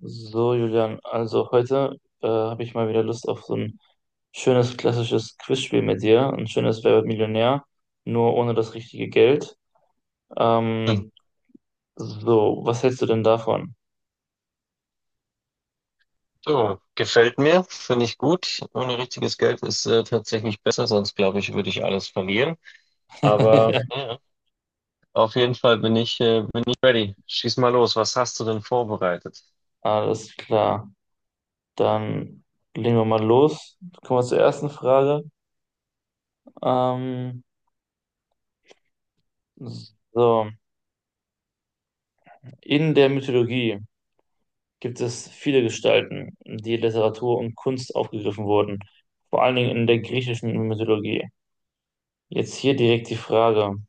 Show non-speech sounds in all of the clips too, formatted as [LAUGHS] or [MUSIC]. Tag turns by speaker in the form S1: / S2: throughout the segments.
S1: So, Julian, also heute habe ich mal wieder Lust auf so ein schönes klassisches Quizspiel mit dir, ein schönes Wer wird Millionär, nur ohne das richtige Geld.
S2: Hm.
S1: Ähm, Was hältst du denn davon?
S2: So, gefällt mir, finde ich gut. Ohne richtiges Geld ist tatsächlich besser, sonst glaube ich, würde ich alles verlieren. Aber
S1: [LAUGHS]
S2: ja, auf jeden Fall bin ich ready. Schieß mal los. Was hast du denn vorbereitet?
S1: Alles klar, dann legen wir mal los. Kommen wir zur ersten Frage. Ähm, so, in der Mythologie gibt es viele Gestalten, die in Literatur und Kunst aufgegriffen wurden, vor allen Dingen in der griechischen Mythologie. Jetzt hier direkt die Frage.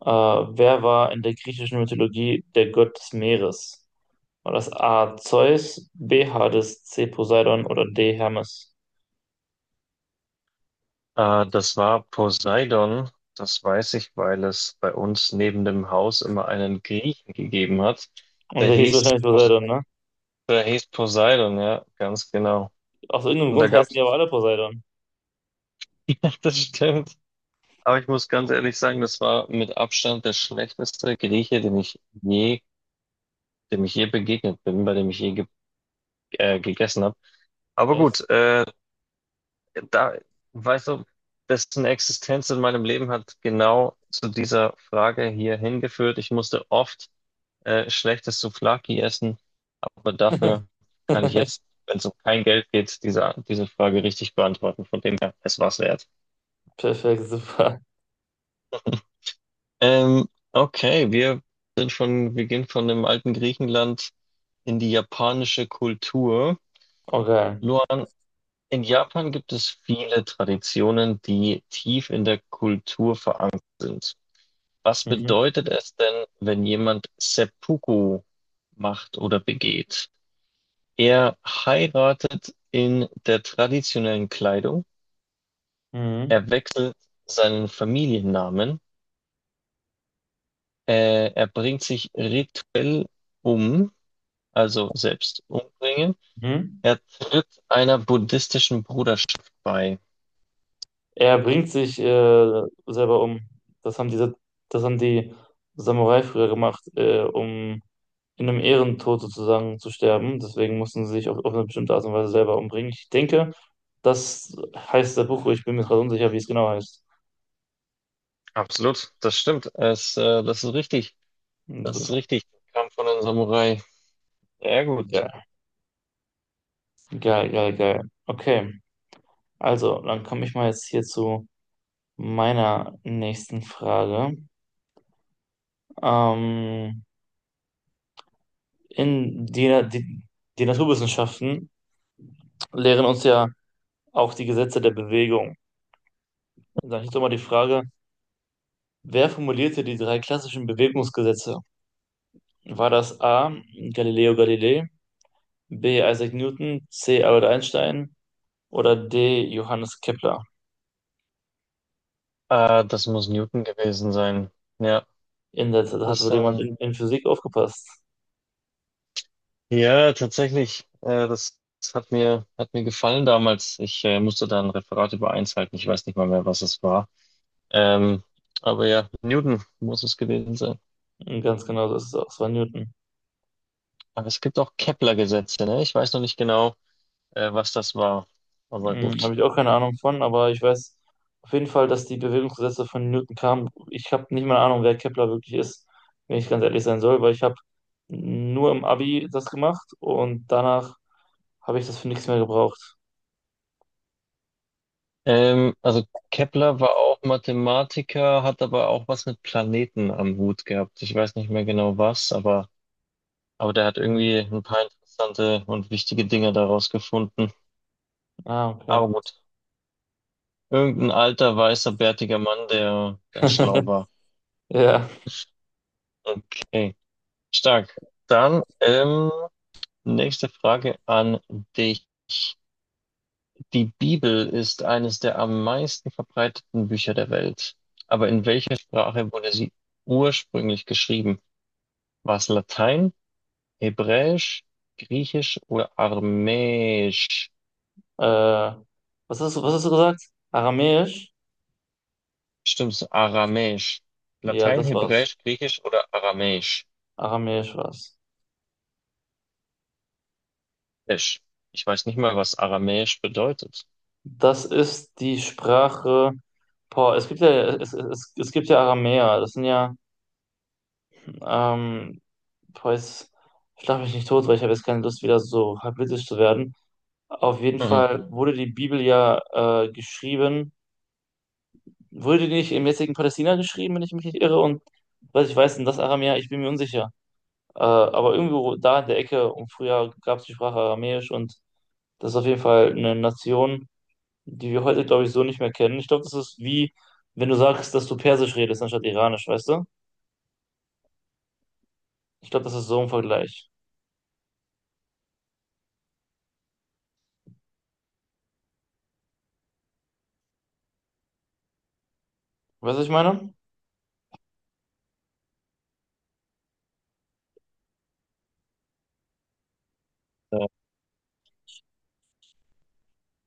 S1: Wer war in der griechischen Mythologie der Gott des Meeres? War das A. Zeus, B. Hades, C. Poseidon oder D. Hermes?
S2: Das war Poseidon. Das weiß ich, weil es bei uns neben dem Haus immer einen Griechen gegeben hat.
S1: Und
S2: Der
S1: der hieß
S2: hieß,
S1: wahrscheinlich
S2: Pos-
S1: Poseidon, ne?
S2: der hieß Poseidon, ja, ganz genau.
S1: Aus irgendeinem
S2: Und da
S1: Grund heißen
S2: gab's,
S1: die aber alle Poseidon.
S2: [LAUGHS] ja, das stimmt. Aber ich muss ganz ehrlich sagen, das war mit Abstand der schlechteste Grieche, dem ich je begegnet bin, bei dem ich je ge gegessen habe. Aber
S1: Echt?
S2: gut, da, weißt du, dessen Existenz in meinem Leben hat genau zu dieser Frage hier hingeführt. Ich musste oft schlechtes Souvlaki essen, aber dafür kann ich jetzt,
S1: [LAUGHS]
S2: wenn es um kein Geld geht, diese Frage richtig beantworten. Von dem her, es war's wert.
S1: Perfekt, super.
S2: Ähm, okay, wir gehen von dem alten Griechenland in die japanische Kultur.
S1: Okay.
S2: Luan, in Japan gibt es viele Traditionen, die tief in der Kultur verankert sind. Was
S1: Mhm.
S2: bedeutet es denn, wenn jemand Seppuku macht oder begeht? Er heiratet in der traditionellen Kleidung,
S1: Mhm.
S2: er wechselt seinen Familiennamen, er bringt sich rituell um, also selbst umbringen.
S1: Mhm.
S2: Er tritt einer buddhistischen Bruderschaft bei.
S1: Er bringt sich selber um. Das haben diese, das haben die Samurai früher gemacht, um in einem Ehrentod sozusagen zu sterben. Deswegen mussten sie sich auf eine bestimmte Art und Weise selber umbringen. Ich denke, das heißt der Buch. Ich bin mir gerade unsicher, wie es genau heißt.
S2: Absolut, das stimmt. Das ist richtig. Das ist
S1: Super.
S2: richtig. Kam von einem Samurai. Sehr gut.
S1: Geil, geil, geil, geil. Okay, also dann komme ich mal jetzt hier zu meiner nächsten Frage. Ähm, in die, die, die Naturwissenschaften lehren uns ja auch die Gesetze der Bewegung. Und dann ist doch mal die Frage, wer formulierte die drei klassischen Bewegungsgesetze? War das A. Galileo Galilei, B. Isaac Newton, C. Albert Einstein oder D. Johannes Kepler?
S2: Das muss Newton gewesen sein. Ja,
S1: In der, da hat
S2: das,
S1: wohl jemand
S2: ähm,
S1: in Physik aufgepasst.
S2: ja, tatsächlich. Das hat hat mir gefallen damals. Ich musste da ein Referat über eins halten. Ich weiß nicht mal mehr, was es war. Ähm, aber ja, Newton muss es gewesen sein.
S1: Und ganz genau, das ist es auch, es war Newton.
S2: Aber es gibt auch Kepler-Gesetze, ne? Ich weiß noch nicht genau, was das war. Aber
S1: Hm,
S2: gut.
S1: habe ich auch keine Ahnung von, aber ich weiß auf jeden Fall, dass die Bewegungsgesetze von Newton kamen. Ich habe nicht mal eine Ahnung, wer Kepler wirklich ist, wenn ich ganz ehrlich sein soll, weil ich habe nur im Abi das gemacht und danach habe ich das für nichts mehr gebraucht.
S2: Also Kepler war auch Mathematiker, hat aber auch was mit Planeten am Hut gehabt. Ich weiß nicht mehr genau was, aber der hat
S1: Mhm.
S2: irgendwie ein paar interessante und wichtige Dinge daraus gefunden.
S1: Ah, okay.
S2: Aber gut, irgendein alter, weißer, bärtiger Mann, der schlau
S1: [LAUGHS]
S2: war.
S1: Ja.
S2: Okay, stark. Dann nächste Frage an dich. Die Bibel ist eines der am meisten verbreiteten Bücher der Welt. Aber in welcher Sprache wurde sie ursprünglich geschrieben? War es Latein, Hebräisch, Griechisch oder Aramäisch?
S1: Äh, was hast du gesagt? Aramäisch?
S2: Stimmt's, Aramäisch.
S1: Ja,
S2: Latein,
S1: das war's.
S2: Hebräisch, Griechisch oder Aramäisch?
S1: Aramäisch war's.
S2: Isch. Ich weiß nicht mal, was Aramäisch bedeutet.
S1: Das ist die Sprache. Boah, es gibt ja, es gibt ja Aramäer. Das sind ja, ähm, boah, jetzt schlag mich nicht tot, weil ich habe jetzt keine Lust, wieder so halbwitzig zu werden. Auf jeden
S2: Mhm.
S1: Fall wurde die Bibel ja geschrieben. Wurde die nicht im jetzigen Palästina geschrieben, wenn ich mich nicht irre? Und was ich weiß, denn das Aramäer, ich bin mir unsicher. Aber irgendwo da in der Ecke, und früher gab es die Sprache Aramäisch und das ist auf jeden Fall eine Nation, die wir heute, glaube ich, so nicht mehr kennen. Ich glaube, das ist wie, wenn du sagst, dass du Persisch redest anstatt Iranisch, weißt du? Ich glaube, das ist so ein Vergleich. Weißt du, was ich meine?
S2: Ja.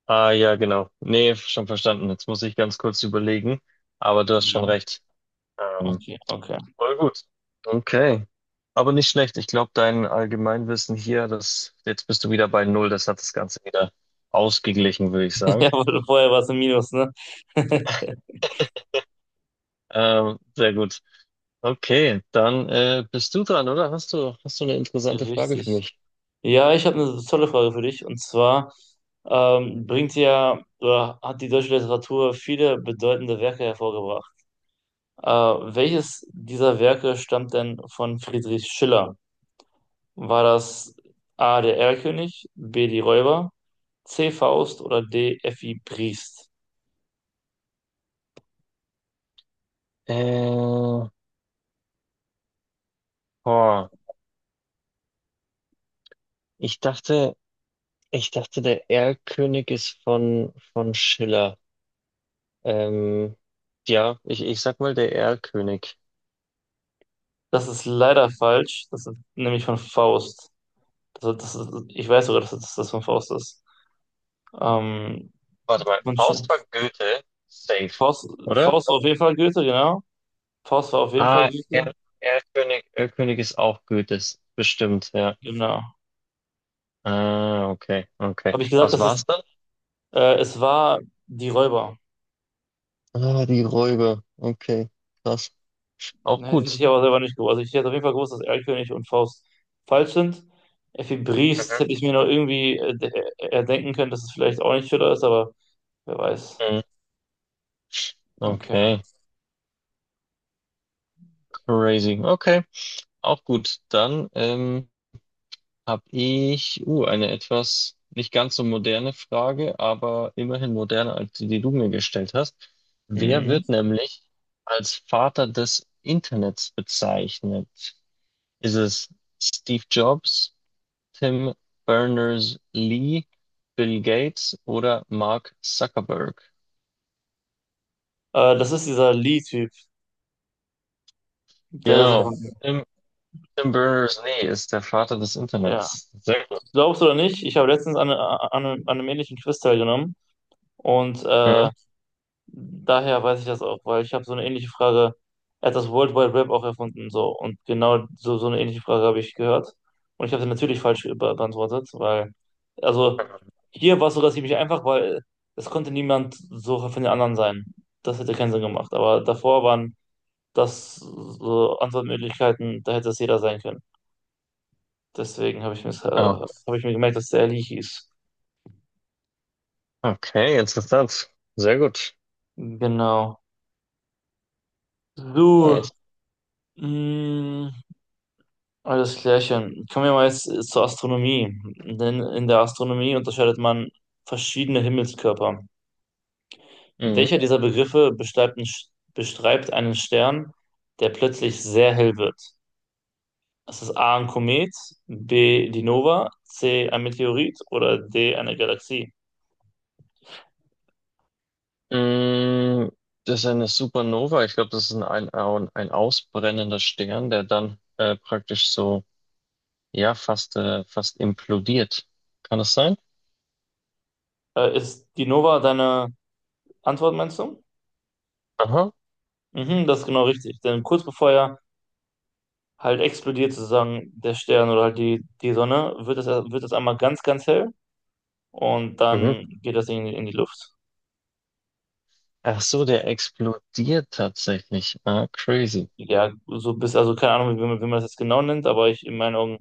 S2: Ah ja, genau. Nee, schon verstanden. Jetzt muss ich ganz kurz überlegen. Aber du hast
S1: Ja,
S2: schon recht. Ähm,
S1: okay, okay.
S2: Voll gut. Okay. Aber nicht schlecht. Ich glaube, dein Allgemeinwissen hier, das, jetzt bist du wieder bei Null. Das hat das Ganze wieder ausgeglichen, würde ich
S1: [LAUGHS]
S2: sagen.
S1: Ja, aber vorher war es ein Minus, ne? [LAUGHS]
S2: Sehr gut. Okay, dann bist du dran, oder? Hast du eine interessante Frage für
S1: Richtig.
S2: mich?
S1: Ja, ich habe eine tolle Frage für dich. Und zwar bringt ja oder hat die deutsche Literatur viele bedeutende Werke hervorgebracht. Äh, welches dieser Werke stammt denn von Friedrich Schiller? War das A. der Erlkönig, B. die Räuber, C. Faust oder D. F.I. Briest?
S2: Äh, boah, ich dachte, ich dachte, der Erlkönig ist von Schiller. Ähm, ja, ich sag mal, der Erlkönig.
S1: Das ist leider falsch. Das ist nämlich von Faust. Das ist, ich weiß sogar, das von Faust ist. Ähm,
S2: Warte mal,
S1: von
S2: Faust war
S1: Sch-
S2: Goethe, safe,
S1: Faust,
S2: oder?
S1: Faust war auf jeden Fall Goethe, genau. Faust war auf jeden Fall
S2: Ah,
S1: Goethe.
S2: er Erlkönig, Erlkönig ist auch Goethes, bestimmt, ja.
S1: Genau.
S2: Ah, okay, okay.
S1: Habe ich gesagt,
S2: Was war's dann?
S1: es war die Räuber.
S2: Ah, die Räuber. Okay, krass. Auch
S1: Ne, das hätte
S2: gut.
S1: ich aber selber nicht gewusst. Also ich hätte auf jeden Fall gewusst, dass Erlkönig und Faust falsch sind. Effi Briest
S2: Mhm.
S1: hätte ich mir noch irgendwie erdenken können, dass es vielleicht auch nicht Schiller ist, aber wer weiß.
S2: Mhm.
S1: Okay.
S2: Okay, crazy. Okay, auch gut. Dann habe ich eine etwas nicht ganz so moderne Frage, aber immerhin moderner als die, die du mir gestellt hast. Wer
S1: Mhm.
S2: wird nämlich als Vater des Internets bezeichnet? Ist es Steve Jobs, Tim Berners-Lee, Bill Gates oder Mark Zuckerberg?
S1: Das ist dieser Lee-Typ, der das
S2: Genau.
S1: erfunden.
S2: Tim, Tim Berners-Lee ist der Vater des
S1: Ja.
S2: Internets. Sehr gut.
S1: Glaubst du oder nicht? Ich habe letztens an einem ähnlichen Quiz teilgenommen und
S2: Mhm.
S1: daher weiß ich das auch, weil ich habe so eine ähnliche Frage. Er hat das World Wide Web auch erfunden, so. Und genau so, so eine ähnliche Frage habe ich gehört. Und ich habe sie natürlich falsch be- beantwortet, weil, also, hier war es sogar ziemlich einfach, weil es konnte niemand so von den anderen sein. Das hätte keinen Sinn gemacht. Aber davor waren das so Antwortmöglichkeiten, da hätte es jeder sein können. Deswegen
S2: Ah,
S1: habe ich mir gemerkt, dass der Leahy ist.
S2: okay, interessant. Sehr gut.
S1: Genau. So,
S2: Nice.
S1: mh. Alles klärchen. Kommen wir mal jetzt zur Astronomie. Denn in der Astronomie unterscheidet man verschiedene Himmelskörper.
S2: Mhm.
S1: Welcher dieser Begriffe beschreibt, einen Sch- beschreibt einen Stern, der plötzlich sehr hell wird? Ist es A ein Komet, B die Nova, C ein Meteorit oder D eine Galaxie?
S2: Mm, das ist eine Supernova. Ich glaube, das ist ein ausbrennender Stern, der dann praktisch so, ja, fast implodiert. Kann das sein?
S1: Ist die Nova deine Antwort, meinst du?
S2: Aha.
S1: Mhm, das ist genau richtig. Denn kurz bevor er halt explodiert, sozusagen der Stern oder halt die Sonne, wird es einmal ganz, ganz hell. Und
S2: Mhm.
S1: dann geht das Ding in die Luft.
S2: Ach so, der explodiert tatsächlich. Ah, crazy.
S1: Ja, so bis, also keine Ahnung, wie man das jetzt genau nennt, aber ich, in meinen Augen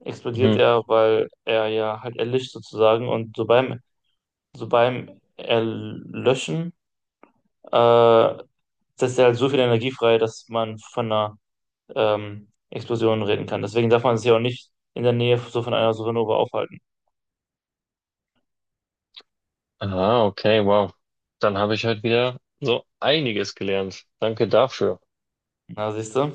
S1: explodiert
S2: Mhm.
S1: er, weil er ja halt erlischt sozusagen und so beim Erlöschen, äh, setzt er halt so viel Energie frei, dass man von einer Explosion reden kann. Deswegen darf man sich ja auch nicht in der Nähe so von einer Supernova aufhalten.
S2: Ah, okay, wow. Dann habe ich heute wieder so einiges gelernt. Danke dafür.
S1: Na, siehst du?